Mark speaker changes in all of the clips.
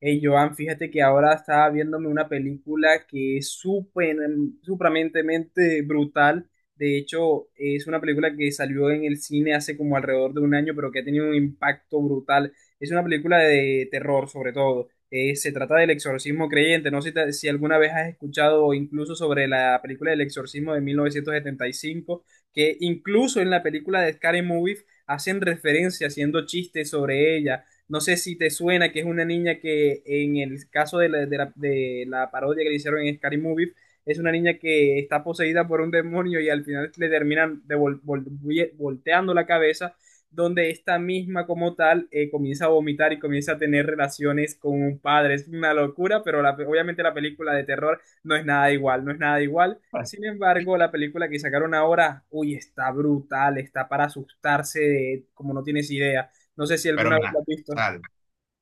Speaker 1: Hey Joan, fíjate que ahora estaba viéndome una película que es supramentemente brutal. De hecho, es una película que salió en el cine hace como alrededor de un año, pero que ha tenido un impacto brutal. Es una película de terror, sobre todo. Se trata del exorcismo creyente. No sé si alguna vez has escuchado incluso sobre la película del exorcismo de 1975, que incluso en la película de Scary Movie hacen referencia haciendo chistes sobre ella. No sé si te suena que es una niña que en el caso de la parodia que le hicieron en Scary Movie, es una niña que está poseída por un demonio y al final le terminan volteando la cabeza, donde esta misma como tal comienza a vomitar y comienza a tener relaciones con un padre. Es una locura, pero obviamente la película de terror no es nada igual, no es nada igual.
Speaker 2: Ay.
Speaker 1: Sin embargo, la película que sacaron ahora, uy, está brutal, está para asustarse de, como no tienes idea. No sé si alguna
Speaker 2: Pero
Speaker 1: vez la
Speaker 2: nada,
Speaker 1: has
Speaker 2: o
Speaker 1: visto.
Speaker 2: sea,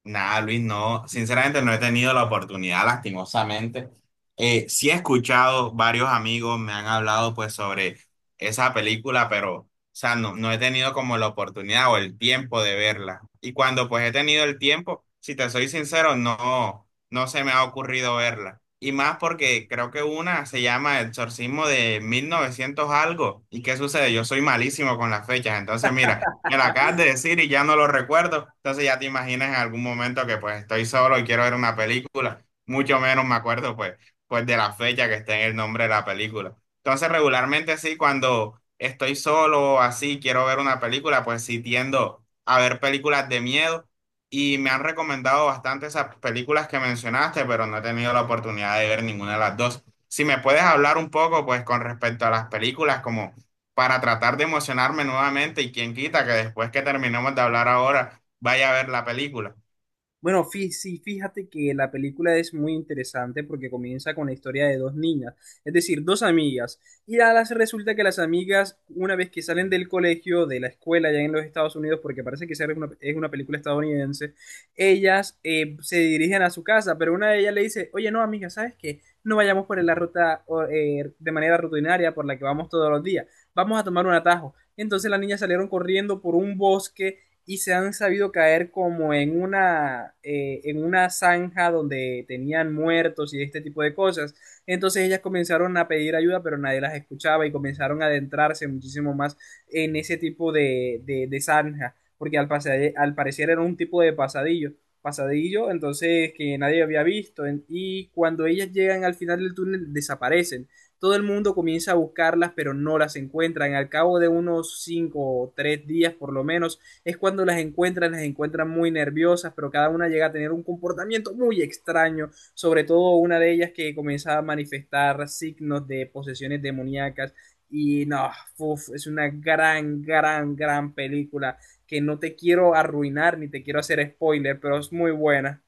Speaker 2: nada, Luis, no, sinceramente no he tenido la oportunidad, lastimosamente. Sí he escuchado, varios amigos me han hablado pues sobre esa película, pero, o sea, no he tenido como la oportunidad o el tiempo de verla. Y cuando pues he tenido el tiempo, si te soy sincero, no se me ha ocurrido verla. Y más porque creo que una se llama El Exorcismo de 1900 algo. ¿Y qué sucede? Yo soy malísimo con las fechas, entonces mira. Me lo acabas
Speaker 1: Ah,
Speaker 2: de decir y ya no lo recuerdo. Entonces ya te imaginas en algún momento que pues estoy solo y quiero ver una película. Mucho menos me acuerdo pues de la fecha que está en el nombre de la película. Entonces regularmente sí, cuando estoy solo o así, quiero ver una película, pues sí tiendo a ver películas de miedo. Y me han recomendado bastante esas películas que mencionaste, pero no he tenido la oportunidad de ver ninguna de las dos. Si me puedes hablar un poco pues con respecto a las películas, como para tratar de emocionarme nuevamente y quien quita que después que terminemos de hablar ahora vaya a ver la película.
Speaker 1: bueno, sí, fíjate que la película es muy interesante porque comienza con la historia de dos niñas, es decir, dos amigas. Y a las resulta que las amigas, una vez que salen del colegio, de la escuela ya en los Estados Unidos, porque parece que esa es una película estadounidense, ellas se dirigen a su casa, pero una de ellas le dice, oye, no, amiga, ¿sabes qué? No vayamos por la ruta o, de manera rutinaria por la que vamos todos los días, vamos a tomar un atajo. Entonces las niñas salieron corriendo por un bosque y se han sabido caer como en una zanja donde tenían muertos y este tipo de cosas. Entonces ellas comenzaron a pedir ayuda, pero nadie las escuchaba y comenzaron a adentrarse muchísimo más en ese tipo de zanja, porque al parecer era un tipo de pasadillo, entonces que nadie había visto. Y cuando ellas llegan al final del túnel, desaparecen. Todo el mundo comienza a buscarlas, pero no las encuentran. Al cabo de unos cinco o tres días, por lo menos, es cuando las encuentran muy nerviosas, pero cada una llega a tener un comportamiento muy extraño, sobre todo una de ellas que comienza a manifestar signos de posesiones demoníacas. Y no, uf, es una gran, gran, gran película que no te quiero arruinar ni te quiero hacer spoiler, pero es muy buena.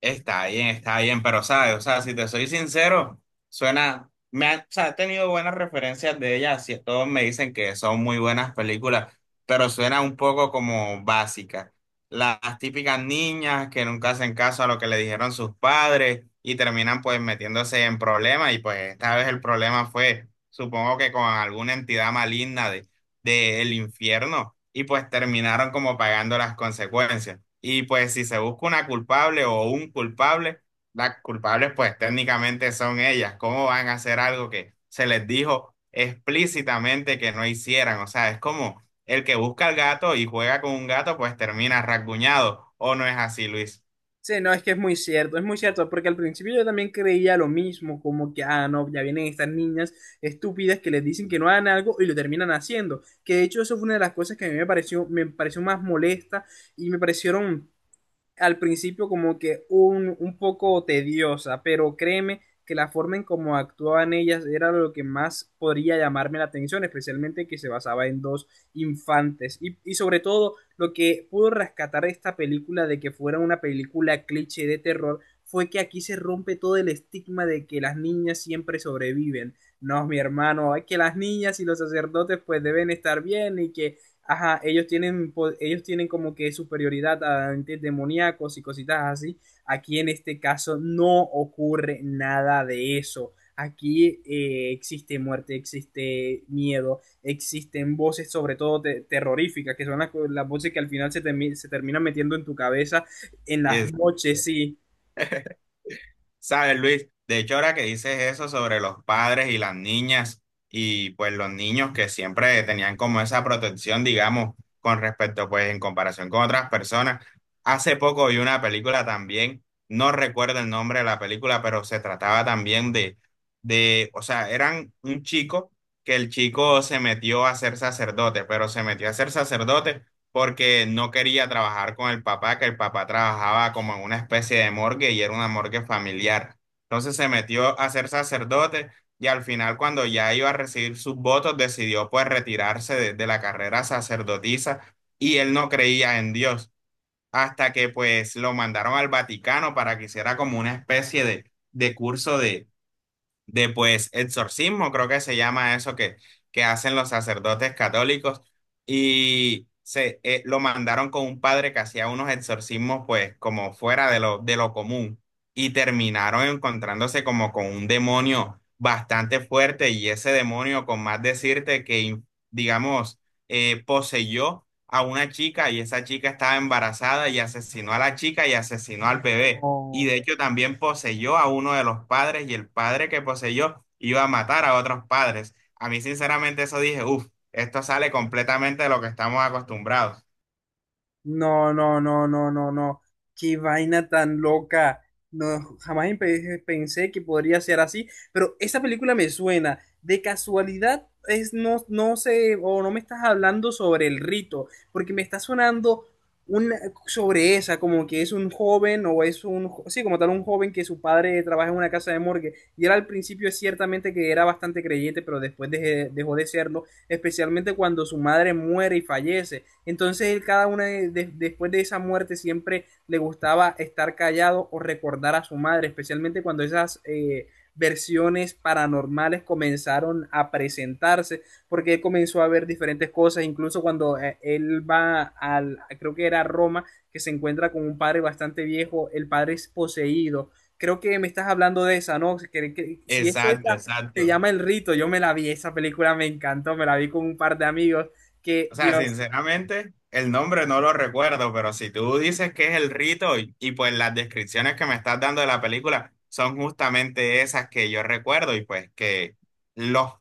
Speaker 2: Está bien, pero sabes, o sea, si te soy sincero, suena, o sea, he tenido buenas referencias de ella, así todos me dicen que son muy buenas películas, pero suena un poco como básica. Las típicas niñas que nunca hacen caso a lo que le dijeron sus padres y terminan pues metiéndose en problemas y pues esta vez el problema fue, supongo que con alguna entidad maligna del infierno y pues terminaron como pagando las consecuencias. Y pues si se busca una culpable o un culpable, las culpables pues técnicamente son ellas. ¿Cómo van a hacer algo que se les dijo explícitamente que no hicieran? O sea, es como el que busca al gato y juega con un gato pues termina rasguñado. ¿O no es así, Luis?
Speaker 1: Sí, no, es que es muy cierto, porque al principio yo también creía lo mismo, como que, ah, no, ya vienen estas niñas estúpidas que les dicen que no hagan algo y lo terminan haciendo. Que de hecho eso fue una de las cosas que a mí me pareció más molesta y me parecieron al principio como que un poco tediosa, pero créeme que la forma en cómo actuaban ellas era lo que más podría llamarme la atención, especialmente que se basaba en dos infantes. Y sobre todo, lo que pudo rescatar esta película de que fuera una película cliché de terror fue que aquí se rompe todo el estigma de que las niñas siempre sobreviven. No, mi hermano, es que las niñas y los sacerdotes pues deben estar bien. Y que ajá, ellos tienen como que superioridad a entes demoníacos y cositas así. Aquí en este caso no ocurre nada de eso. Aquí existe muerte, existe miedo, existen voces, sobre todo terroríficas, que son las voces que al final se terminan metiendo en tu cabeza en las
Speaker 2: Es-
Speaker 1: noches, sí.
Speaker 2: Sabes, Luis, de hecho ahora que dices eso sobre los padres y las niñas y pues los niños que siempre tenían como esa protección, digamos, con respecto pues en comparación con otras personas, hace poco vi una película también, no recuerdo el nombre de la película, pero se trataba también o sea, eran un chico que el chico se metió a ser sacerdote, pero se metió a ser sacerdote porque no quería trabajar con el papá, que el papá trabajaba como en una especie de morgue y era una morgue familiar. Entonces se metió a ser sacerdote y al final cuando ya iba a recibir sus votos decidió pues retirarse de la carrera sacerdotisa y él no creía en Dios hasta que pues lo mandaron al Vaticano para que hiciera como una especie de curso de pues exorcismo, creo que se llama eso que hacen los sacerdotes católicos, y se lo mandaron con un padre que hacía unos exorcismos pues como fuera de de lo común, y terminaron encontrándose como con un demonio bastante fuerte, y ese demonio, con más decirte digamos, poseyó a una chica y esa chica estaba embarazada y asesinó a la chica y asesinó al bebé y
Speaker 1: No.
Speaker 2: de hecho también poseyó a uno de los padres y el padre que poseyó iba a matar a otros padres. A mí sinceramente eso dije, uff, esto sale completamente de lo que estamos acostumbrados.
Speaker 1: No, no, no, no, no, no. Qué vaina tan loca. No, jamás pensé que podría ser así, pero esa película me suena. De casualidad es no, no sé, o no me estás hablando sobre El Rito, porque me está sonando una, sobre esa, como que es un joven, o es un, sí, como tal, un joven que su padre trabaja en una casa de morgue, y él al principio es ciertamente que era bastante creyente, pero después dejó de serlo, especialmente cuando su madre muere y fallece. Entonces él cada una después de esa muerte siempre le gustaba estar callado o recordar a su madre, especialmente cuando esas versiones paranormales comenzaron a presentarse, porque él comenzó a ver diferentes cosas, incluso cuando él va creo que era Roma, que se encuentra con un padre bastante viejo, el padre es poseído. Creo que me estás hablando de esa, ¿no? Si es
Speaker 2: Exacto,
Speaker 1: esa, se
Speaker 2: exacto.
Speaker 1: llama El Rito. Yo me la vi, esa película me encantó, me la vi con un par de amigos, que
Speaker 2: O sea,
Speaker 1: Dios
Speaker 2: sinceramente, el nombre no lo recuerdo, pero si tú dices que es el rito y pues las descripciones que me estás dando de la película son justamente esas que yo recuerdo y pues que los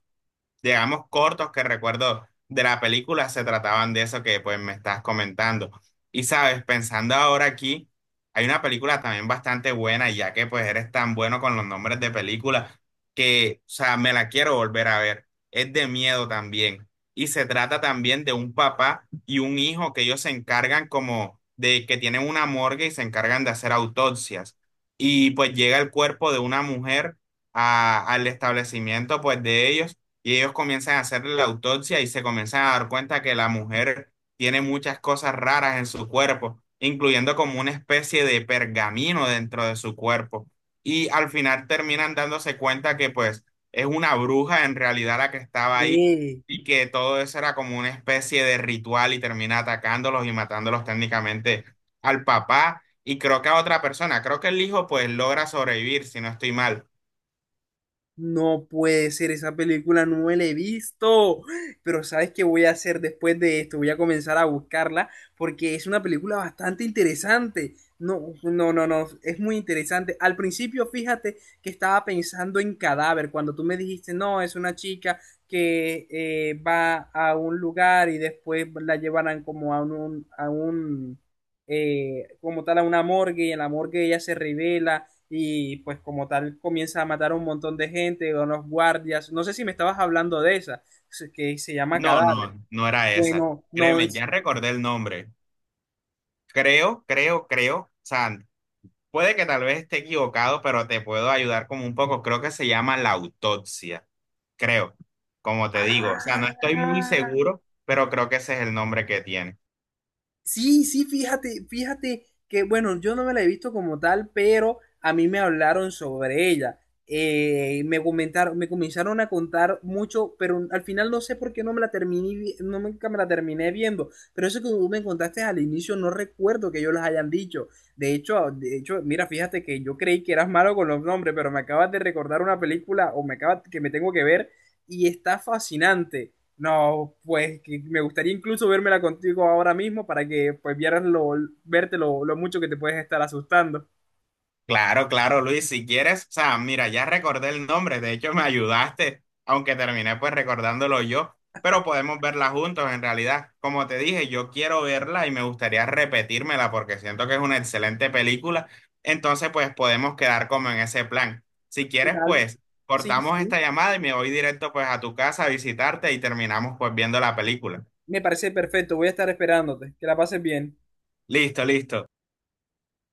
Speaker 2: digamos, cortos que recuerdo de la película se trataban de eso que pues me estás comentando. Y sabes, pensando ahora aquí, hay una película también bastante buena, y ya que pues eres tan bueno con los nombres de películas, que, o sea, me la quiero volver a ver. Es de miedo también. Y se trata también de un papá y un hijo que ellos se encargan como de que tienen una morgue y se encargan de hacer autopsias. Y pues llega el cuerpo de una mujer al establecimiento pues de ellos y ellos comienzan a hacer la autopsia y se comienzan a dar cuenta que la mujer tiene muchas cosas raras en su cuerpo, incluyendo como una especie de pergamino dentro de su cuerpo. Y al final terminan dándose cuenta que pues es una bruja en realidad la que estaba ahí
Speaker 1: mío.
Speaker 2: y que todo eso era como una especie de ritual y termina atacándolos y matándolos técnicamente al papá y creo que a otra persona. Creo que el hijo pues logra sobrevivir, si no estoy mal.
Speaker 1: No puede ser, esa película no me la he visto. Pero ¿sabes qué voy a hacer después de esto? Voy a comenzar a buscarla porque es una película bastante interesante. No, no, no, no, es muy interesante. Al principio, fíjate que estaba pensando en Cadáver, cuando tú me dijiste, no, es una chica que va a un lugar y después la llevarán como a un, a un, como tal, a una morgue y en la morgue ella se revela y pues como tal comienza a matar a un montón de gente, a unos guardias. No sé si me estabas hablando de esa, que se llama
Speaker 2: No, no,
Speaker 1: Cadáver.
Speaker 2: no era esa.
Speaker 1: Bueno, no
Speaker 2: Créeme,
Speaker 1: es...
Speaker 2: ya recordé el nombre. Creo, creo, creo. O sea, puede que tal vez esté equivocado, pero te puedo ayudar como un poco. Creo que se llama la autopsia. Creo, como te digo. O sea, no estoy muy
Speaker 1: ¡Ah!
Speaker 2: seguro, pero creo que ese es el nombre que tiene.
Speaker 1: Sí, sí, fíjate, fíjate que, bueno, yo no me la he visto como tal, pero a mí me hablaron sobre ella. Me comenzaron a contar mucho, pero al final no sé por qué no me la no, nunca me la terminé viendo. Pero eso que tú me contaste al inicio, no recuerdo que yo los hayan dicho. De hecho, mira, fíjate que yo creí que eras malo con los nombres, pero me acabas de recordar una película o me acabas que me tengo que ver y está fascinante. No, pues que me gustaría incluso vérmela contigo ahora mismo para que pues vieras lo, verte lo mucho que te puedes estar asustando.
Speaker 2: Claro, claro, Luis, si quieres, o sea, mira, ya recordé el nombre, de hecho me ayudaste, aunque terminé pues recordándolo yo, pero podemos verla juntos en realidad. Como te dije, yo quiero verla y me gustaría repetírmela porque siento que es una excelente película, entonces pues podemos quedar como en ese plan. Si
Speaker 1: ¿Qué
Speaker 2: quieres,
Speaker 1: tal?
Speaker 2: pues
Speaker 1: Sí,
Speaker 2: cortamos
Speaker 1: sí,
Speaker 2: esta llamada y me voy directo pues a tu casa a visitarte y terminamos pues viendo la película.
Speaker 1: me parece perfecto. Voy a estar esperándote. Que la pases bien.
Speaker 2: Listo, listo.